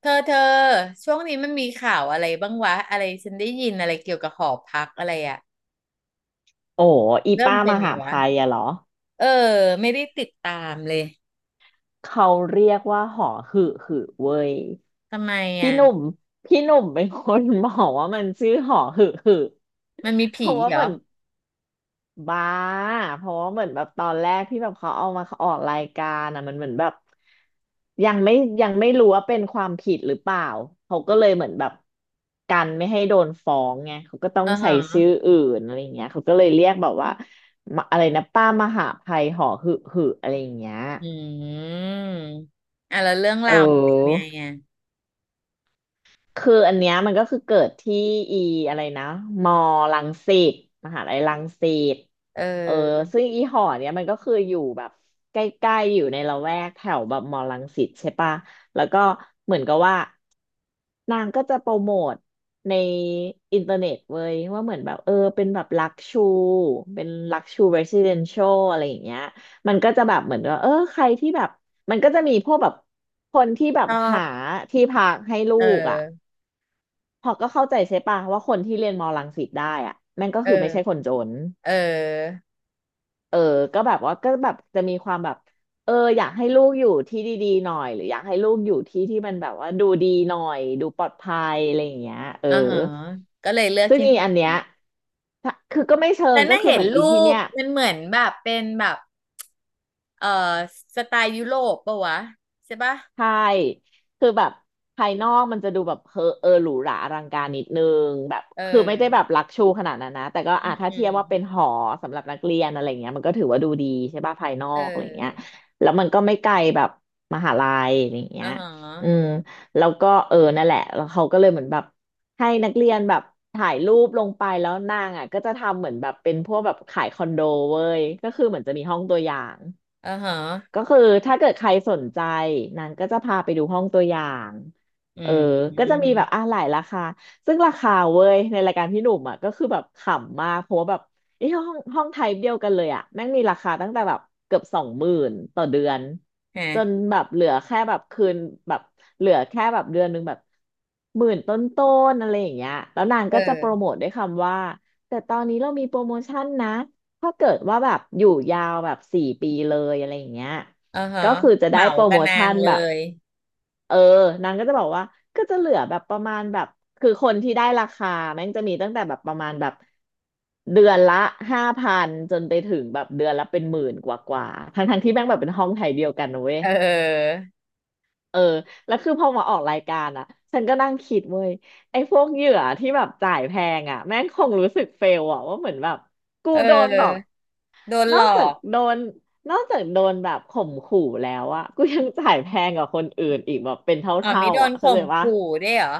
เธอช่วงนี้มันมีข่าวอะไรบ้างวะอะไรฉันได้ยินอะไรเกี่ยวกับหอพักอะไรอะโอ้อีเริ่มป้าเป็มนไงหาวะภัยอะเหรอเออไม่ได้ติดตามเลยเขาเรียกว่าหอหึหึเว้ยทำไมพี่อะหนุ่มพี่หนุ่มเป็นคนบอกว่ามันชื่อหอหึหึมันมีเพผีราะว่าเหรเหอมือนบ้าเพราะว่าเหมือนแบบตอนแรกที่แบบเขาเอามาออกรายการอะมันเหมือนแบบยังไม่ยังไม่รู้ว่าเป็นความผิดหรือเปล่าเขาก็เลยเหมือนแบบกันไม่ให้โดนฟ้องไงเขาก็ต้องอ่าใส่ชื่ฮะออื่นอะไรอย่างเงี้ยเขาก็เลยเรียกแบบว่าอะไรนะป้ามหาภัยหอหึหึอะไรอย่างเงี้ย อืมอ่ะแล้วเรื่องเอราวมันเป็นไงอ อะคืออันเนี้ยมันก็คือเกิดที่อีอะไรนะมอรังสิตมหาลัยรังสิต เเออออซึ่งอีหอเนี้ยมันก็คืออยู่แบบใกล้ๆอยู่ในละแวกแถวแบบมอรังสิตใช่ปะแล้วก็เหมือนกับว่านางก็จะโปรโมทในอินเทอร์เน็ตเว้ยว่าเหมือนแบบเป็นแบบลักชูเป็นลักชูเรส i เดนเชียลอะไรอย่างเงี้ยมันก็จะแบบเหมือนว่าเออใครที่แบบมันก็จะมีพวกแบบคนที่แบชบอหาบที่พักให้ลูเอกอ่ะอพอก็เข้าใจใช่ปะว่าคนที่เรียนมอรังสิตได้อ่ะแม่งก็เอคือไม่อใช่คนจน เออเออก็แบบว่าก็แบบจะมีความแบบอยากให้ลูกอยู่ที่ดีๆหน่อยหรืออยากให้ลูกอยู่ที่ที่มันแบบว่าดูดีหน่อยดูปลอดภัยอะไรอย่างเงี้ยเอออ่าฮะก็เลยเลือกซึ่งที่อีนี่อันเนี้ยถ้าคือก็ไม่เชิแต่งก็น่าคือเห็เหนมือนอีรูที่ปเนี้ย มันเหมือนแบบเป็นแบบเออสไตล์ยุโรปปะวะใช่ปะใช่ คือแบบภายนอกมันจะดูแบบหรูหราอลังการนิดนึงแบบเคือไม่ได้แบออบลักชูขนาดนั้นนะแต่ก็อือ่ะมถ้าอืเทีม ยบว่าเป็นหอสำหรับนักเรียนอะไรเงี้ยมันก็ถือว่าดูดีใช่ป่ะภายนอเกอะไรเงี้ยออแล้วมันก็ไม่ไกลแบบมหาลัยอะไรอ่าเงี้ยฮะอืมแล้วก็เออนั่นแหละแล้วเขาก็เลยเหมือนแบบให้นักเรียนแบบถ่ายรูปลงไปแล้วนางอ่ะก็จะทำเหมือนแบบเป็นพวกแบบขายคอนโดเว้ยก็คือเหมือนจะมีห้องตัวอย่าง อ่าฮะก็คือถ้าเกิดใครสนใจนางก็จะพาไปดูห้องตัวอย่างอืเออก็จะมมีแบบอ่ะหลายราคาซึ่งราคาเว้ยในรายการพี่หนุ่มอ่ะก็คือแบบขำมากเพราะว่าแบบไอ้ห้องไทป์เดียวกันเลยอ่ะแม่งมีราคาตั้งแต่แบบเกือบ20,000ต่อเดือนจนฮะแบบเหลือแค่แบบคืนแบบเหลือแค่แบบเดือนหนึงแบบหมื่นต้นๆอะไรอย่างเงี้ยแล้วนางเอก็จะโปรโมอทด้วยคำว่าแต่ตอนนี้เรามีโปรโมชั่นนะ ถ้าเกิดว่าแบบอยู่ยาวแบบ4 ปีเลยอะไรอย่างเงี้ยอ่าฮะก็คือจะเหได้มาโปรกัโมบนาชั่งนเลแบบย เออนางก็จะบอกว่าก็จะเหลือแบบประมาณแบบคือคนที่ได้ราคาแม่งจะมีตั้งแต่แบบประมาณแบบเดือนละ5,000จนไปถึงแบบเดือนละเป็นหมื่นกว่าทั้งๆที่แม่งแบบเป็นห้องไทยเดียวกันนะเว้ยเออ เออแล้วคือพอมาออกรายการอ่ะฉันก็นั่งคิดเว้ยไอ้พวกเหยื่อที่แบบจ่ายแพงอ่ะแม่งคงรู้สึกเฟลอ่ะว่าเหมือนแบบกูเโดนแบบ ออ โดนนหอลกอจากกโดนนอกจากโดนแบบข่มขู่แล้วอะกูยังจ่ายแพงกว่าคนอื่นอีกแบบเป็นเอ๋อท่าม่โดๆนอะเข้าข่ใจมปะ ขู่ด้วยเหรอ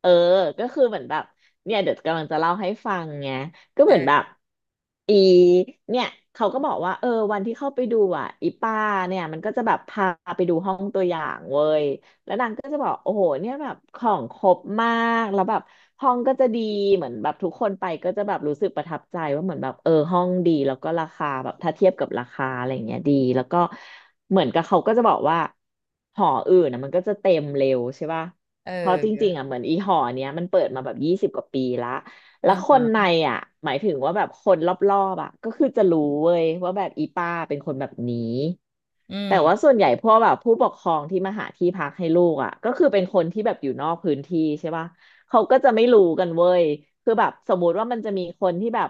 เออก็คือเหมือนแบบเนี่ยเดี๋ยวกำลังจะเล่าให้ฟังไงก็เอเหมือนแบบอ อีเนี่ยเขาก็บอกว่าเออวันที่เข้าไปดูอ่ะอีป้าเนี่ยมันก็จะแบบพาไปดูห้องตัวอย่างเว้ยแล้วนางก็จะบอกโอ้โหเนี่ยแบบของครบมากแล้วแบบห้องก็จะดีเหมือนแบบทุกคนไปก็จะแบบรู้สึกประทับใจว่าเหมือนแบบเออห้องดีแล้วก็ราคาแบบถ้าเทียบกับราคาอะไรอย่างเงี้ยดีแล้วก็เหมือนกับเขาก็จะบอกว่าหออื่นนะมันก็จะเต็มเร็วใช่ป่ะ เอเพราะจริงๆออ่ะเหมือนอีหอเนี้ยมันเปิดมาแบบ20 กว่าปีละแล้อ่าวคนในฮะอ่ะหมายถึงว่าแบบคนรอบๆอ่ะก็คือจะรู้เว้ยว่าแบบอีป้าเป็นคนแบบนี้อืแต่มว่าส่วนใหญ่พวกแบบผู้ปกครองที่มาหาที่พักให้ลูกอ่ะก็คือเป็นคนที่แบบอยู่นอกพื้นที่ใช่ป่ะเขาก็จะไม่รู้กันเว้ยคือแบบสมมุติว่ามันจะมีคนที่แบบ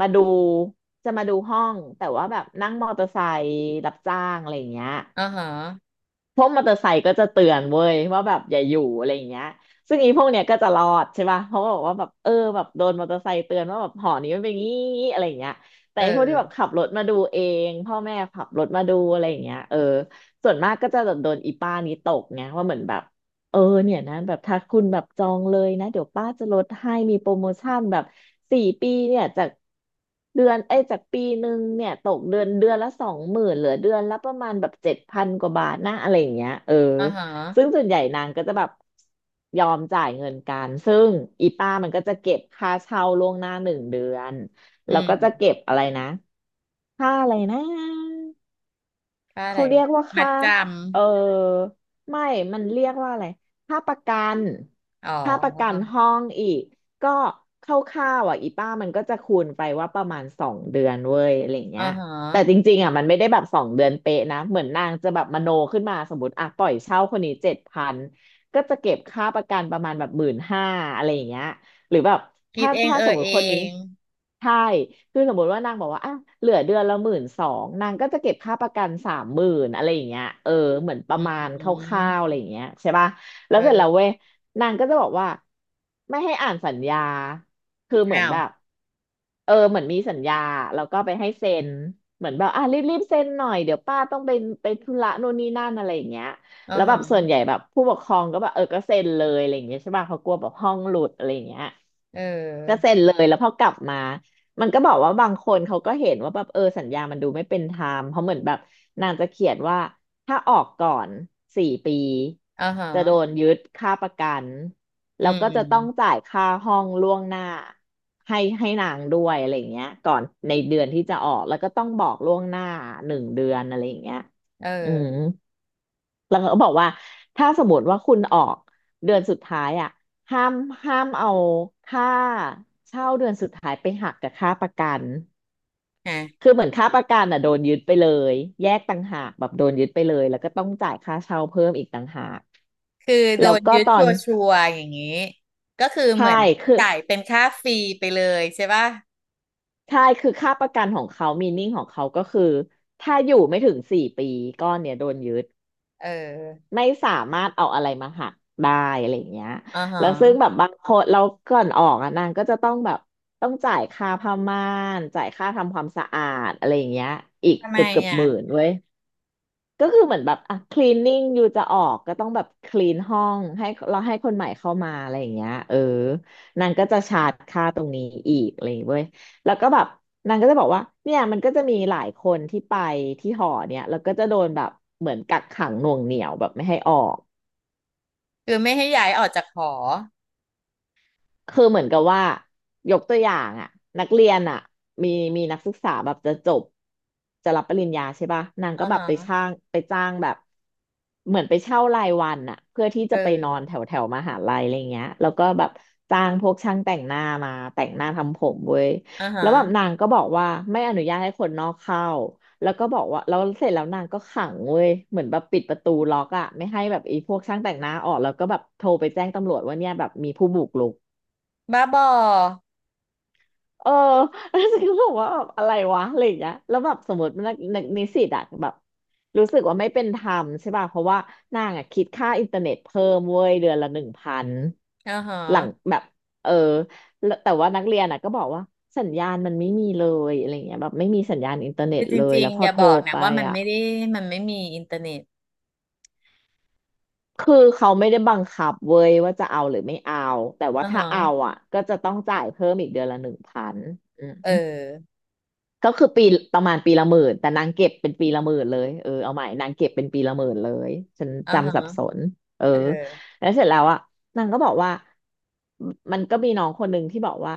มาดูจะมาดูห้องแต่ว่าแบบนั่งมอเตอร์ไซค์รับจ้างอะไรอย่างเงี้ย อ่าฮะพวกมอเตอร์ไซค์ก็จะเตือนเว้ยว่าแบบอย่าอยู่อะไรอย่างเงี้ยซึ่งอีพวกเนี้ยก็จะรอดใช่ป่ะเพราะว่าบอกว่าแบบเออแบบโดนมอเตอร์ไซค์เตือนว่าแบบหอนี้มันเป็นงี้อะไรอย่างเงี้ยเแต่ไอ้พวกที่แบอบอขับรถมาดูเองพ่อแม่ขับรถมาดูอะไรอย่างเงี้ยเออส่วนมากก็จะแบบโดนอีป้านี้ตกไงว่าเหมือนแบบ เออเนี่ยนะแบบถ้าคุณแบบจองเลยนะเดี๋ยวป้าจะลดให้มีโปรโมชั่นแบบสี่ปีเนี่ยจากเดือนเอ้ยจาก1 ปีเนี่ยตกเดือนละ20,000เหลือเดือนละประมาณแบบเจ็ดพันกว่าบาทนะอะไรอย่างเงี้ยเอออ่าฮซึ่งะส่วนใหญ่นางก็จะแบบยอมจ่ายเงินกันซึ่งอีป้ามันก็จะเก็บค่าเช่าล่วงหน้าหนึ่งเดือนอืแล้วก็จะมเก็บอะไรนะค่าอะไรนะ ค่าอะเขาไรเรียกว่ามัดค่าจเออไม่มันเรียกว่าอะไรค่าประกันำอ๋ค่าประกันอห้องอีกก็คร่าวๆอ่ะอีป้ามันก็จะคูณไปว่าประมาณสองเดือนเว้ยอะไรเงี้อ่ายฮะแต่จริงๆอ่ะมันไม่ได้แบบสองเดือนเป๊ะนะเหมือนนางจะแบบมโนขึ้นมาสมมติอ่ะปล่อยเช่าคนนี้เจ็ดพันก็จะเก็บค่าประกันประมาณแบบ15,000อะไรอย่างเงี้ย หรือแบบคิดถ้าเองถ้าเอสมอมเอติคนนี้งใช่คือสมมติว่านางบอกว่าอ่ะเหลือเดือนละ12,000นางก็จะเก็บค่าประกัน30,000อะไรอย่างเงี้ยเออเหมือนประอืมาณมคร่าวๆอะไรอย่างเงี้ยใช่ป่ะเแล้วเสร็จแล้วเว้ออยนางก็จะบอกว่าไม่ให้อ่านสัญญาคือเหมืออ้านวแบบเออเหมือนมีสัญญาแล้วก็ไปให้เซ็นเหมือนแบบอ่ะรีบๆเซ็นหน่อยเดี๋ยวป้าต้องไปไปธุระโน่นนี่นั่นอะไรอย่างเงี้ยอ่าแล้วแบบส่วฮะนใหญ่แบบผู้ปกครองก็แบบเออก็เซ็นเลยอะไรอย่างเงี้ยใช่ป่ะเขากลัวแบบห้องหลุดอะไรอย่างเงี้ย เอก็อเซ็นเลยแล้วพอกลับมามันก็บอกว่าบางคนเขาก็เห็นว่าแบบเออสัญญามันดูไม่เป็นธรรมเพราะเหมือนแบบนางจะเขียนว่าถ้าออกก่อนสี่ปีอ่าฮะ จะโดนยึดค่าประกันอืแล้วก็จะต้องมจ่ายค่าห้องล่วงหน้าให้นางด้วยอะไรอย่างเงี้ยก่อนในเดือนที่จะออกแล้วก็ต้องบอกล่วงหน้าหนึ่งเดือนอะไรอย่างเงี้ยเอออืม แล้วเขาก็บอกว่าถ้าสมมติว่าคุณออกเดือนสุดท้ายอ่ะห้ามห้ามเอาค่าเช่าเดือนสุดท้ายไปหักกับค่าประกันฮะคือเหมือนค่าประกันอ่ะโดนยึดไปเลยแยกต่างหากแบบโดนยึดไปเลยแล้วก็ต้องจ่ายค่าเช่าเพิ่มอีกต่างหากคือโดแล้วนก็ยึดตอชันวชัวร์ๆอย่างนี้ ก็คือเหใช่มือนคือจ่ายเป็นค่าฟรีไปเลยใช่ป่ะใช่คือค่าประกันของเขามีนิ่งของเขาก็คือถ้าอยู่ไม่ถึงสี่ปีก้อนเนี่ยโดนยึด เออไม่สามารถเอาอะไรมาหักได้อะไรอย่างเงี้ยอ๋อฮแล้วซึ่งแบะบบางคนเราก่อนออกอะนางก็จะต้องแบบต้องจ่ายค่าผ้าม่านจ่ายค่าทำความสะอาดอะไรอย่างเงี้ยอีกทำไมเกือบอ่ะหมื่นเว้ยก็คือเหมือนแบบอ่ะคลีนนิ่งอยู่จะออกก็ต้องแบบคลีนห้องให้เราให้คนใหม่เข้ามาอะไรอย่างเงี้ยเออนางก็จะชาร์จค่าตรงนี้อีกอะไรอย่างเงี้ยเว้ยแล้วก็แบบนางก็จะบอกว่าเนี่ยมันก็จะมีหลายคนที่ไปที่หอเนี่ยแล้วก็จะโดนแบบเหมือนกักขังหน่วงเหนี่ยวแบบไม่ให้ออก คือไม่ให้ย้ายออกจากหอคือเหมือนกับว่ายกตัวอย่างอ่ะนักเรียนอ่ะมีมีนักศึกษาแบบจะจบจะรับปริญญาใช่ป่ะนางอ๋อก็แบบฮะไปจ้างแบบเหมือนไปเช่ารายวันอ่ะเพื่อที่เอจะไปนออนแถวแถวมหาลัยอะไรเงี้ยแล้วก็แบบจ้างพวกช่างแต่งหน้ามาแต่งหน้าทำผมเว้ยอ๋อฮะแล้วแบบนางก็บอกว่าไม่อนุญาตให้คนนอกเข้าแล้วก็บอกว่าแล้วเสร็จแล้วนางก็ขังเว้ยเหมือนแบบปิดประตูล็อกอะไม่ให้แบบไอ้พวกช่างแต่งหน้าออกแล้วก็แบบโทรไปแจ้งตำรวจว่าเนี่ยแบบมีผู้บุกรุก บ้าบอเออ แล้วฉันก็บอกว่าแบบอะไรวะอะไรอย่างเงี้ยแล้วแบบสมมตินักนิสิตอะแบบรู้สึกว่าไม่เป็นธรรมใช่ป่ะเพราะว่านางอะคิดค่าอินเทอร์เน็ตเพิ่มเว้ยเดือนละหนึ่งพันอ๋อหลังฮะแบบเออแล้วแต่ว่านักเรียนอะก็บอกว่าสัญญาณมันไม่มีเลยอะไรเงี้ยแบบไม่มีสัญญาณอินเทอร์เน็คืตอจเลยริงแล้วพๆออย่าโทรบอกนะไปว่ามันอะไม่ได้มันไม่มีอินเทอร์เน็ตคือเขาไม่ได้บังคับเว้ยว่าจะเอาหรือไม่เอาแต่ว่าอ๋อถ้าเอาฮะอะก็จะต้องจ่ายเพิ่มอีกเดือนละหนึ่งพัน เออก็คือปีประมาณปีละหมื่นแต่นางเก็บเป็นปีละหมื่นเลยเออเอาใหม่นางเก็บเป็นปีละหมื่นเลยฉันอ๋อฮะจำสับสนเออเออแล้วเสร็จแล้วอ่ะนางก็บอกว่ามันก็มีน้องคนหนึ่งที่บอกว่า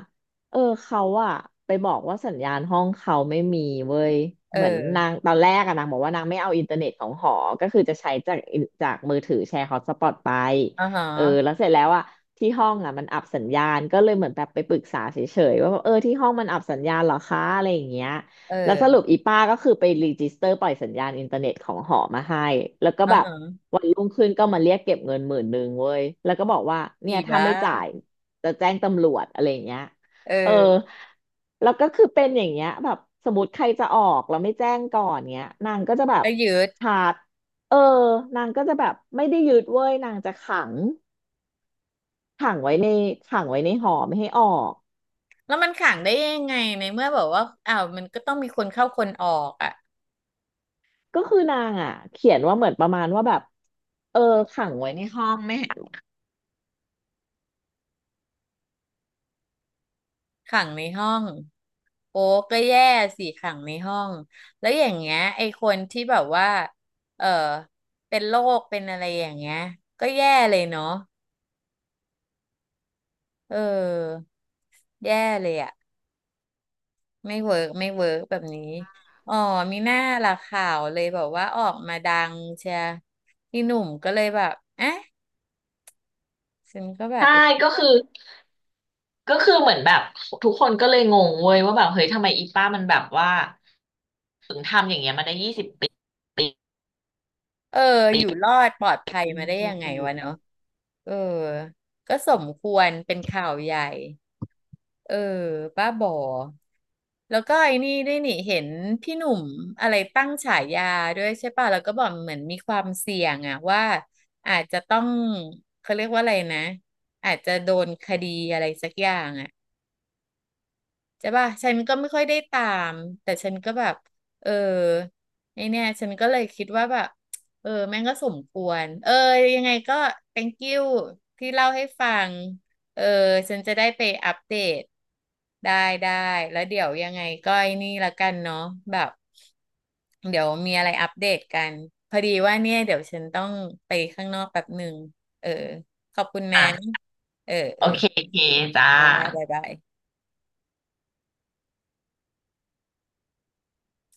เออเขาอ่ะไปบอกว่าสัญญาณห้องเขาไม่มีเว้ยเอเหมือนอนางตอนแรกอะนางบอกว่านางไม่เอาอินเทอร์เน็ตของหอก็คือจะใช้จากมือถือแชร์ฮอตสปอตไปอ๋อฮเออแล้ะวเสร็จแล้วอ่ะ ที่ห้องอ่ะมันอับสัญญาณก็เลยเหมือนแบบไปปรึกษาเฉยๆว่าแบบเออที่ห้องมันอับสัญญาณเหรอคะอะไรอย่างเงี้ยเแล้วสรุออปอีป้าก็คือไปรีจิสเตอร์ปล่อยสัญญาณอินเทอร์เน็ตของหอมาให้แล้วก็อ๋อแบบฮะวันรุ่งขึ้นก็มาเรียกเก็บเงิน10,000เว้ยแล้วก็บอกว่าอีเนี่ยถ้าบ้าไม่จ่ายจะแจ้งตำรวจอะไรอย่างเงี้ยเอเอออแล้วก็คือเป็นอย่างเงี้ยแบบสมมติใครจะออกแล้วไม่แจ้งก่อนเงี้ยนางก็จะแบบก็ยืด ชาร์จเออนางก็จะแบบไม่ได้ยึดเว้ยนางจะขัง ขังไว้ในหอไม่ให้ออกแล้วมันขังได้ยังไงในเมื่อแบบว่าอ้าวมันก็ต้องมีคนเข้าคนออกอ่ะก็คือนางอ่ะเขียนว่าเหมือนประมาณว่าแบบเออขังไว้ในห้องไม่ให้ขังในห้องโอ้ก็แย่สิขังในห้องแล้วอย่างเงี้ยไอ้คนที่แบบว่าเออเป็นโรคเป็นอะไรอย่างเงี้ยก็แย่เลยเนาะเออแย่เลยอ่ะไม่เวิร์กแบบนี้อ๋อมีหน้าละข่าวเลยแบบว่าออกมาดังเชียพี่หนุ่มก็เลยแบบเอ๊ะฉันก็แบบใช่ไป ก็คือก็คือเหมือนแบบทุกคนก็เลยงงเว้ยว่าแบบเฮ้ยทำไมอีป้ามันแบบว่าถึงทำอย่างเงี้ยมาได้20 ปีเปเอออยู่รอดปลอดภัย็นมาได้พยัวกงไงตำรววะจเนาะอะเออก็สมควรเป็นข่าวใหญ่เออป้าบอแล้วก็ไอ้นี่ด้วยนี่เห็นพี่หนุ่มอะไรตั้งฉายาด้วยใช่ป่ะแล้วก็บอกเหมือนมีความเสี่ยงอะว่าอาจจะต้องเขาเรียกว่าอะไรนะอาจจะโดนคดีอะไรสักอย่างอะ ใช่ป่ะฉันก็ไม่ค่อยได้ตาม แต่ฉันก็แบบเออไอเนี่ยฉันก็เลยคิดว่าแบบเออ แม่งก็สมควรเออยังไงก็ thank you ที่เล่าให้ฟัง เออ ฉันจะได้ไปอัปเดตได้ได้แล้วเดี๋ยวยังไงก็ไอ้นี่ละกันเนาะแบบ เดี๋ยวมีอะไรอัปเดตกัน พอดีว่าเนี่ยเดี๋ยวฉันต้องไปข้างนอกแป๊บหนึ่ง เออ ขอบคุณนะ อ่ะเออ เอโออเคโอเคจ้าได้บ๊ายบาย